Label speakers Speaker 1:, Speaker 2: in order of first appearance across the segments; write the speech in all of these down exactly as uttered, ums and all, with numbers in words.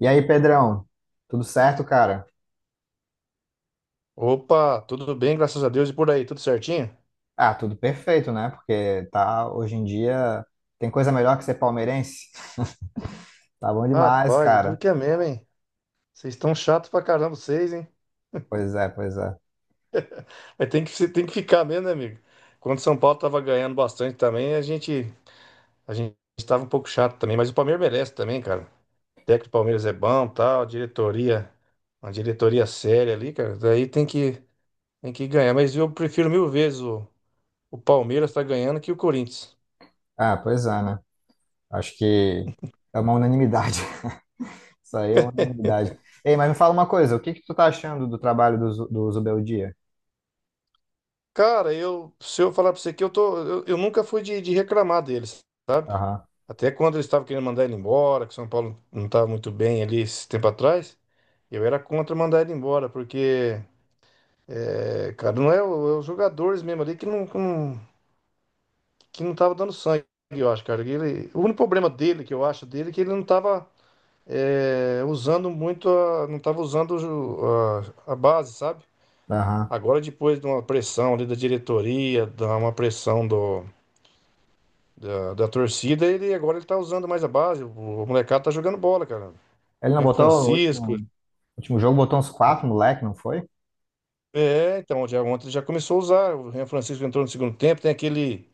Speaker 1: E aí, Pedrão, tudo certo, cara?
Speaker 2: Opa, tudo bem, graças a Deus. E por aí, tudo certinho?
Speaker 1: Ah, tudo perfeito, né? Porque tá, hoje em dia tem coisa melhor que ser palmeirense. Tá bom demais,
Speaker 2: Rapaz, duro
Speaker 1: cara.
Speaker 2: que é mesmo, hein? Vocês estão chato pra caramba, vocês, hein?
Speaker 1: Pois é, pois é.
Speaker 2: Mas tem que, se- tem que ficar mesmo, né, amigo? Quando o São Paulo tava ganhando bastante também, a gente, a gente tava um pouco chato também, mas o Palmeiras merece também, cara. O técnico do Palmeiras é bom, tal, diretoria, uma diretoria séria ali, cara. Daí tem que, tem que ganhar. Mas eu prefiro mil vezes o, o Palmeiras tá ganhando que o Corinthians.
Speaker 1: Ah, pois é, né? Acho que é uma unanimidade. Isso aí é uma unanimidade. Ei, mas me fala uma coisa, o que que tu tá achando do trabalho do, Zu- do Zubel Dia?
Speaker 2: Cara, eu, se eu falar pra você que eu tô, eu, eu nunca fui de, de reclamar deles, sabe?
Speaker 1: Aham,
Speaker 2: Até quando eles estavam querendo mandar ele embora, que São Paulo não estava muito bem ali esse tempo atrás, eu era contra mandar ele embora, porque, é, cara, não é, o- é os jogadores mesmo ali que não, que não, que não tava dando sangue, eu acho, cara. Ele, o único problema dele, que eu acho dele, é que ele não tava, é, usando muito, a, não tava usando o ju- a, a base, sabe?
Speaker 1: aham.
Speaker 2: Agora, depois de uma pressão ali da diretoria, de uma pressão do da, da torcida, ele agora ele tá usando mais a base. O, o molecado tá jogando bola, cara.
Speaker 1: Ele não
Speaker 2: Renan
Speaker 1: botou o
Speaker 2: Francisco.
Speaker 1: último, último jogo, botou uns quatro, moleque, não foi?
Speaker 2: É, então, já, ontem ele já começou a usar. O Ren Francisco entrou no segundo tempo. Tem aquele.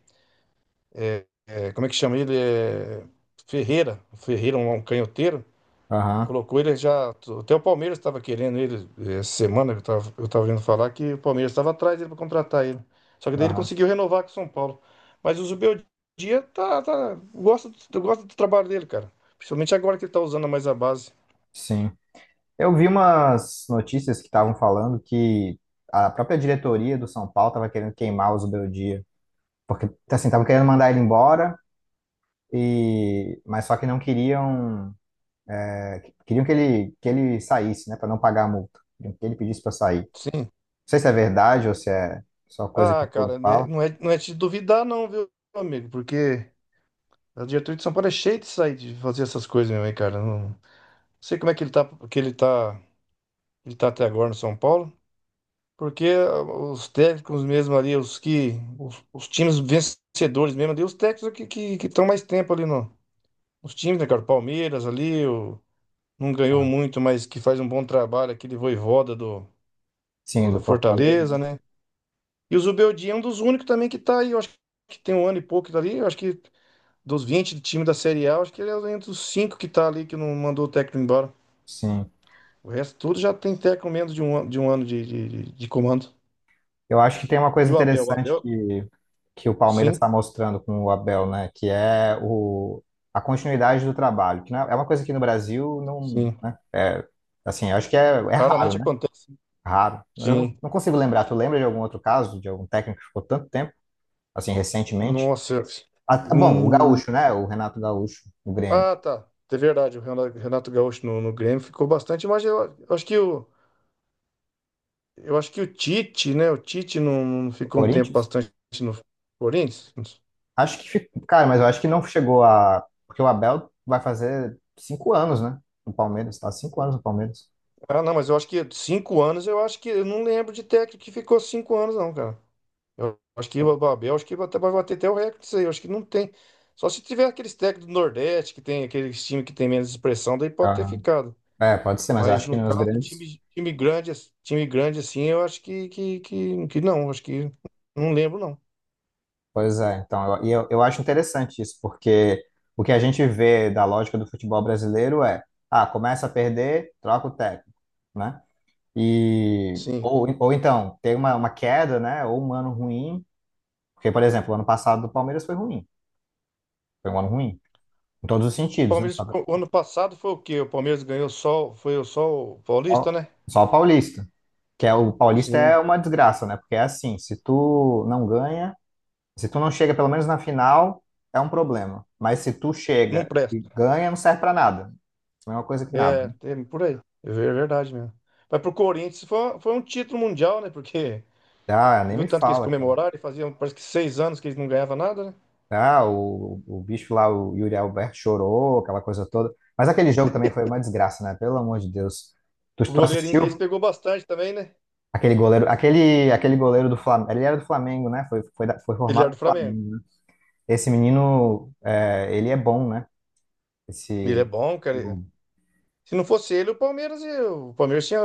Speaker 2: é, Como é que chama ele? É, Ferreira. Ferreira, um, um canhoteiro.
Speaker 1: Aham,
Speaker 2: Colocou ele já. Até o Palmeiras estava querendo ele é, essa semana. Eu tava, eu tava ouvindo falar que o Palmeiras estava atrás dele para contratar ele. Só que daí ele
Speaker 1: aham.
Speaker 2: conseguiu renovar com o São Paulo. Mas o Zubeldia tá, tá, gosta, do- eu gosto do trabalho dele, cara. Principalmente agora que ele tá usando mais a base.
Speaker 1: Sim. Eu vi umas notícias que estavam falando que a própria diretoria do São Paulo estava querendo queimar o Zubeldia, porque assim, estavam querendo mandar ele embora e mas só que não queriam, queriam que ele que ele saísse, né, para não pagar a multa. Queriam que ele pedisse para sair. Não
Speaker 2: Sim.
Speaker 1: sei se é verdade ou se é só coisa que
Speaker 2: Ah,
Speaker 1: o povo
Speaker 2: cara, né,
Speaker 1: fala.
Speaker 2: não é, não é te duvidar, não, viu, meu amigo? Porque a diretoria de São Paulo é cheia de sair de fazer essas coisas meu hein, cara. Não sei como é que ele tá, que ele tá, ele tá até agora no São Paulo, porque ah, os técnicos mesmo ali, os que, os, os times vencedores mesmo ali, os técnicos que que que estão mais tempo ali no, os times, né, cara? O Palmeiras ali, o, não ganhou
Speaker 1: Ah,
Speaker 2: muito, mas que faz um bom trabalho, aquele Voivoda do, do,
Speaker 1: sim,
Speaker 2: do
Speaker 1: do Fortaleza,
Speaker 2: Fortaleza,
Speaker 1: né?
Speaker 2: né? E o Zubeldia é um dos únicos também que tá aí, eu acho que tem um ano e pouco ali, eu acho que dos vinte times da Série A, acho que ele é entre os cinco que tá ali que não mandou o técnico embora.
Speaker 1: Sim.
Speaker 2: O resto tudo já tem técnico menos de um, ano- de um ano de, de, de- de comando.
Speaker 1: Eu acho que tem uma
Speaker 2: E
Speaker 1: coisa
Speaker 2: o Abel? O
Speaker 1: interessante
Speaker 2: Abel?
Speaker 1: que, que o Palmeiras
Speaker 2: Sim,
Speaker 1: está mostrando com o Abel, né? Que é o, a continuidade do trabalho, que não é, é uma coisa que no Brasil não,
Speaker 2: sim.
Speaker 1: né? É, assim, eu acho que é, é raro,
Speaker 2: Raramente
Speaker 1: né?
Speaker 2: acontece.
Speaker 1: Raro. Eu não,
Speaker 2: Sim.
Speaker 1: não consigo lembrar. Tu lembra de algum outro caso, de algum técnico que ficou tanto tempo, assim, recentemente?
Speaker 2: Nossa.
Speaker 1: Ah, tá bom, o
Speaker 2: Hum.
Speaker 1: Gaúcho, né? O Renato Gaúcho, o Grêmio,
Speaker 2: Ah, tá. É verdade, o Renato Renato Gaúcho no, no Grêmio ficou bastante, mas eu, eu acho que o, eu acho que o Tite, né? O Tite não, não
Speaker 1: o
Speaker 2: ficou um tempo
Speaker 1: Corinthians.
Speaker 2: bastante no Corinthians.
Speaker 1: Acho que, fica- cara, mas eu acho que não chegou a, porque o Abel vai fazer cinco anos, né? No Palmeiras, tá? Cinco anos no Palmeiras.
Speaker 2: Ah, não, mas eu acho que cinco anos, eu acho que eu não lembro de técnico que ficou cinco anos, não, cara. Eu acho que o Abel, acho que até vai bater até o recorde disso aí. Eu acho que não tem. Só se tiver aqueles técnicos do Nordeste, que tem aqueles times que tem menos expressão, daí pode ter ficado.
Speaker 1: É, pode ser, mas eu
Speaker 2: Mas
Speaker 1: acho que
Speaker 2: no
Speaker 1: nos
Speaker 2: caso,
Speaker 1: grandes.
Speaker 2: time, time grande, ass- time grande assim, eu acho que, que, que, que não, acho que não lembro não.
Speaker 1: Pois é, então, eu, e eu, eu acho interessante isso, porque o que a gente vê da lógica do futebol brasileiro é, ah, começa a perder, troca o técnico, né? E,
Speaker 2: Sim.
Speaker 1: ou, ou então, tem uma, uma queda, né? Ou um ano ruim, porque, por exemplo, o ano passado do Palmeiras foi ruim, foi um ano ruim, em todos os sentidos, né?
Speaker 2: Palmeiras,
Speaker 1: Só,
Speaker 2: o ano passado foi o quê? O Palmeiras ganhou só, foi o só o Paulista,
Speaker 1: só,
Speaker 2: né?
Speaker 1: só o Paulista, que é, o Paulista
Speaker 2: Sim.
Speaker 1: é uma desgraça, né? Porque é assim, se tu não ganha. Se tu não chega pelo menos na final, é um problema. Mas se tu
Speaker 2: Não
Speaker 1: chega e
Speaker 2: presta.
Speaker 1: ganha, não serve pra nada. Não é uma coisa que nada,
Speaker 2: É,
Speaker 1: né?
Speaker 2: tem por aí. É ver- verdade mesmo. Mas pro Corinthians foi, foi um título mundial, né? Porque
Speaker 1: Ah,
Speaker 2: você
Speaker 1: nem
Speaker 2: viu
Speaker 1: me
Speaker 2: tanto que eles
Speaker 1: fala, cara.
Speaker 2: comemoraram e faziam, parece que seis anos que eles não ganhavam nada, né?
Speaker 1: Ah, o, o bicho lá, o Yuri Alberto chorou, aquela coisa toda. Mas aquele jogo também foi uma desgraça, né? Pelo amor de Deus. Tu,
Speaker 2: O
Speaker 1: tu
Speaker 2: goleirinho deles
Speaker 1: assistiu
Speaker 2: pegou bastante também, né?
Speaker 1: aquele goleiro, aquele, aquele goleiro do Flamengo. Ele era do Flamengo, né? Foi, foi, da- foi
Speaker 2: Ele
Speaker 1: formado
Speaker 2: era
Speaker 1: do
Speaker 2: do Flamengo.
Speaker 1: Flamengo, né? Esse menino, é, ele é bom, né?
Speaker 2: Ele é
Speaker 1: Esse
Speaker 2: bom, cara. Se não fosse ele, o Palmeiras, ia- o Palmeiras tinha,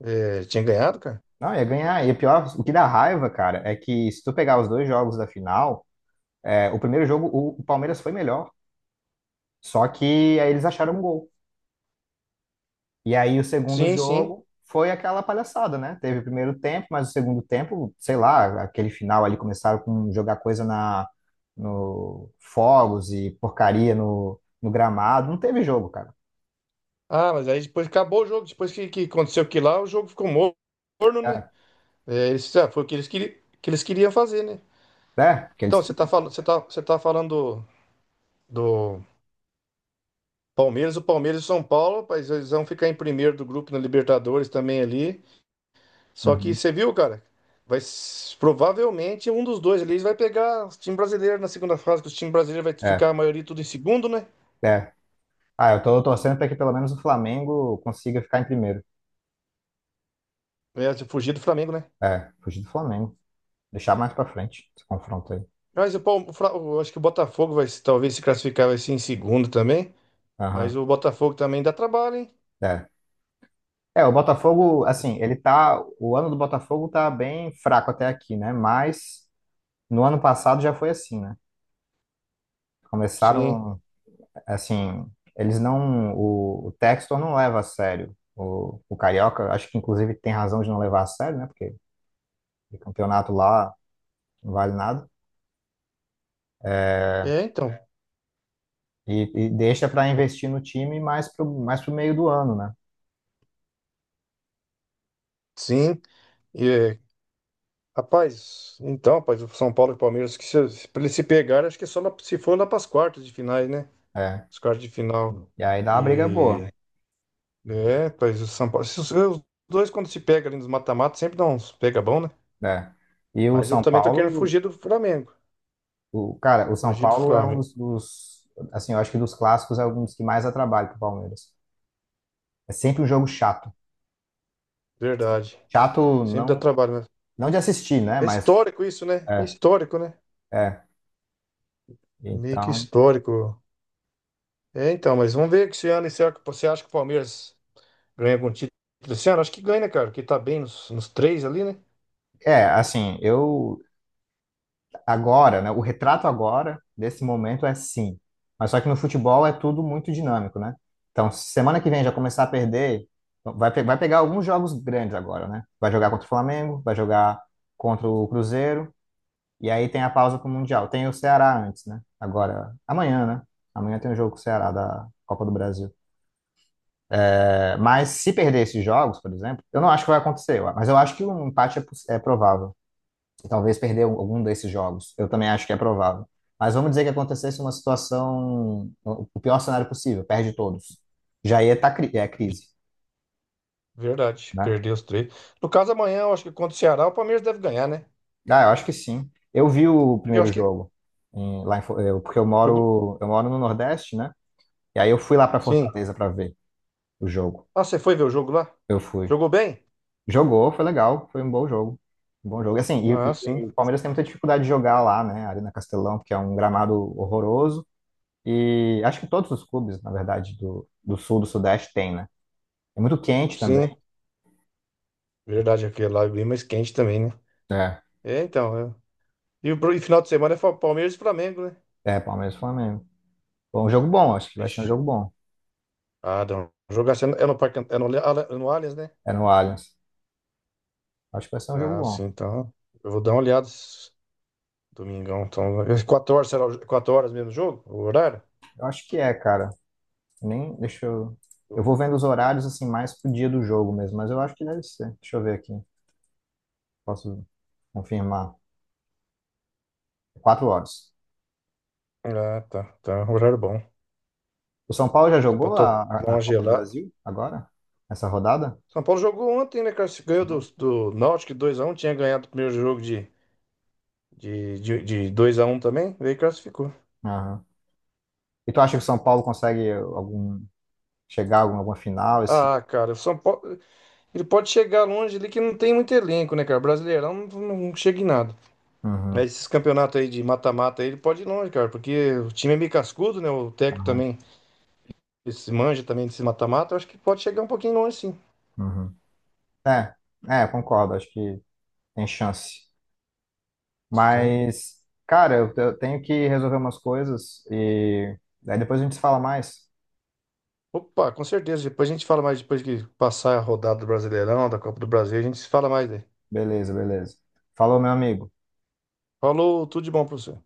Speaker 2: é, tinha ganhado, cara.
Speaker 1: Não, ia ganhar. E pior, o que dá raiva, cara, é que se tu pegar os dois jogos da final, é, o primeiro jogo o, o Palmeiras foi melhor, só que aí eles acharam um gol. E aí o segundo
Speaker 2: Sim, sim.
Speaker 1: jogo foi aquela palhaçada, né? Teve o primeiro tempo, mas o segundo tempo, sei lá, aquele final ali começaram com jogar coisa na no fogos e porcaria no, no gramado. Não teve jogo, cara.
Speaker 2: Ah, mas aí depois acabou o jogo. Depois que, que aconteceu aquilo lá, o jogo ficou morno, né?
Speaker 1: É,
Speaker 2: É, eles, ah, foi o que eles, queri- que eles queriam fazer, né?
Speaker 1: é, porque eles
Speaker 2: Então, você tá,
Speaker 1: que.
Speaker 2: falando você tá, você tá falando do, do Palmeiras, o Palmeiras e o São Paulo, rapaz, eles vão ficar em primeiro do grupo na Libertadores também ali. Só que
Speaker 1: Uhum.
Speaker 2: você viu, cara? Vai, s- provavelmente um dos dois ali vai pegar o time brasileiro na segunda fase, que o time brasileiro vai ficar
Speaker 1: É,
Speaker 2: a maioria tudo em segundo, né?
Speaker 1: é. Ah, eu tô torcendo para que pelo menos o Flamengo consiga ficar em primeiro.
Speaker 2: Vai fugir do Flamengo, né?
Speaker 1: É, fugir do Flamengo. Deixar mais pra frente esse confronto aí.
Speaker 2: Mas o, Palme- o Fla- o- acho que o Botafogo vai se- talvez se classificar vai ser em segundo também. Mas
Speaker 1: Aham.
Speaker 2: o Botafogo também dá trabalho, hein?
Speaker 1: É. É, o Botafogo, assim, ele tá. O ano do Botafogo tá bem fraco até aqui, né? Mas no ano passado já foi assim, né?
Speaker 2: Sim.
Speaker 1: Começaram, assim, eles não. O, o Textor não leva a sério. O, o Carioca, acho que inclusive tem razão de não levar a sério, né? Porque o campeonato lá não vale nada.
Speaker 2: É, então.
Speaker 1: E, e deixa pra investir no time mais pro, mais pro meio do ano, né?
Speaker 2: Sim. E, é, rapaz, então, rapaz, o São Paulo e o Palmeiras, que se, se, pra eles se pegarem, acho que é só lá- se for lá para as quartas de finais, né?
Speaker 1: É.
Speaker 2: As quartas de final.
Speaker 1: E aí dá uma briga boa.
Speaker 2: E. É, pois o São Paulo. Se Os os dois, quando se pega ali nos mata-mata, sempre dá uns pega bom, né?
Speaker 1: É. E o
Speaker 2: Mas eu
Speaker 1: São
Speaker 2: também tô querendo
Speaker 1: Paulo.
Speaker 2: fugir do Flamengo.
Speaker 1: O, cara, o São
Speaker 2: Fugir do
Speaker 1: Paulo é um
Speaker 2: Flamengo.
Speaker 1: dos, dos- assim, eu acho que dos clássicos é um dos que mais dá trabalho pro Palmeiras. É sempre um jogo chato.
Speaker 2: Verdade.
Speaker 1: Chato
Speaker 2: Sempre dá
Speaker 1: não,
Speaker 2: trabalho, né?
Speaker 1: não de assistir, né?
Speaker 2: É
Speaker 1: Mas
Speaker 2: histórico isso, né? É
Speaker 1: é,
Speaker 2: histórico, né?
Speaker 1: é.
Speaker 2: É meio que
Speaker 1: Então,
Speaker 2: histórico. É, então, mas vamos ver que esse ano, será que você acha que o Palmeiras ganha algum título esse ano? Acho que ganha, né, cara? Porque tá bem nos, nos três ali, né?
Speaker 1: é, assim, eu agora, né? O retrato agora desse momento é sim. Mas só que no futebol é tudo muito dinâmico, né? Então, se semana que vem já começar a perder, vai, pe- vai pegar alguns jogos grandes agora, né? Vai jogar contra o Flamengo, vai jogar contra o Cruzeiro. E aí tem a pausa pro Mundial. Tem o Ceará antes, né? Agora, amanhã, né? Amanhã tem um jogo com o Ceará da Copa do Brasil. É, mas se perder esses jogos, por exemplo, eu não acho que vai acontecer, mas eu acho que um empate é, poss- é provável. Talvez perder um- algum desses jogos. Eu também acho que é provável. Mas vamos dizer que acontecesse uma situação, o o pior cenário possível, perde todos. Já ia estar é crise,
Speaker 2: Verdade.
Speaker 1: né?
Speaker 2: Perdeu os três. No caso, amanhã, eu acho que contra o Ceará, o Palmeiras deve ganhar, né?
Speaker 1: Ah, eu acho que sim. Eu vi o
Speaker 2: Eu
Speaker 1: primeiro
Speaker 2: acho que
Speaker 1: jogo em- lá em Fo- eu- porque eu
Speaker 2: jogou.
Speaker 1: moro, eu moro no Nordeste, né? E aí eu fui lá para
Speaker 2: Sim.
Speaker 1: Fortaleza para ver o jogo.
Speaker 2: Ah, você foi ver o jogo lá?
Speaker 1: Eu fui.
Speaker 2: Jogou bem?
Speaker 1: Jogou, foi legal, foi um bom jogo. Um bom jogo. E, assim,
Speaker 2: Ah,
Speaker 1: e, e-
Speaker 2: sim.
Speaker 1: o Palmeiras tem muita dificuldade de jogar lá, né? A Arena Castelão, porque é um gramado horroroso. E acho que todos os clubes, na verdade, do, do sul, do sudeste tem, né? É muito quente também.
Speaker 2: Sim, verdade, aquele lá é bem mais quente também, né?
Speaker 1: É.
Speaker 2: É, então. é. E o pro- e final de semana é Fa- Palmeiras e Flamengo, né?
Speaker 1: É, Palmeiras e Flamengo. Bom, um jogo bom, acho que vai ser um
Speaker 2: Vixe.
Speaker 1: jogo bom.
Speaker 2: Ah, não. Jogar assim, é no é no Parque, Ant- é no, Ale- Ale- no Allianz, né?
Speaker 1: É no Allianz. Acho que vai ser um jogo
Speaker 2: Ah,
Speaker 1: bom.
Speaker 2: sim, então. Eu vou dar uma olhada esse domingão. Então, às quatro horas, será o jo- quatro horas mesmo o jogo? O horário?
Speaker 1: Eu acho que é, cara. Nem, deixa eu. Eu vou vendo os horários assim mais pro dia do jogo mesmo, mas eu acho que deve ser. Deixa eu ver aqui. Posso confirmar. Quatro horas.
Speaker 2: Ah, tá. Tá, um horário bom.
Speaker 1: O São Paulo já
Speaker 2: Dá pra
Speaker 1: jogou
Speaker 2: tomar
Speaker 1: a, a- na
Speaker 2: uma
Speaker 1: Copa do
Speaker 2: gelada.
Speaker 1: Brasil agora? Essa rodada?
Speaker 2: São Paulo jogou ontem, né, cara? Se Ganhou do,
Speaker 1: Jogou?
Speaker 2: do Náutico dois a um tinha ganhado o primeiro jogo de, de, de, de dois a um também, veio e classificou.
Speaker 1: Aham. E tu acha que o São Paulo consegue algum chegar a algum- alguma final esse?
Speaker 2: Ah, cara, o São Paulo. Ele pode chegar longe ali que não tem muito elenco, né, cara? Brasileirão não, não chega em nada.
Speaker 1: Uhum,
Speaker 2: Mas esses campeonatos aí de mata-mata aí, ele pode ir longe, cara, porque o time é meio cascudo, né? O técnico
Speaker 1: aham,
Speaker 2: também, esse manja também desse mata-mata, eu acho que pode chegar um pouquinho longe, sim.
Speaker 1: uhum. É, é, concordo, acho que tem chance.
Speaker 2: Sim.
Speaker 1: Mas, cara, eu, eu tenho que resolver umas coisas e aí depois a gente se fala mais.
Speaker 2: Opa, com certeza. Depois a gente fala mais, depois que passar a rodada do Brasileirão, da Copa do Brasil, a gente fala mais aí.
Speaker 1: Beleza, beleza. Falou, meu amigo.
Speaker 2: Falou, tudo de bom pra você.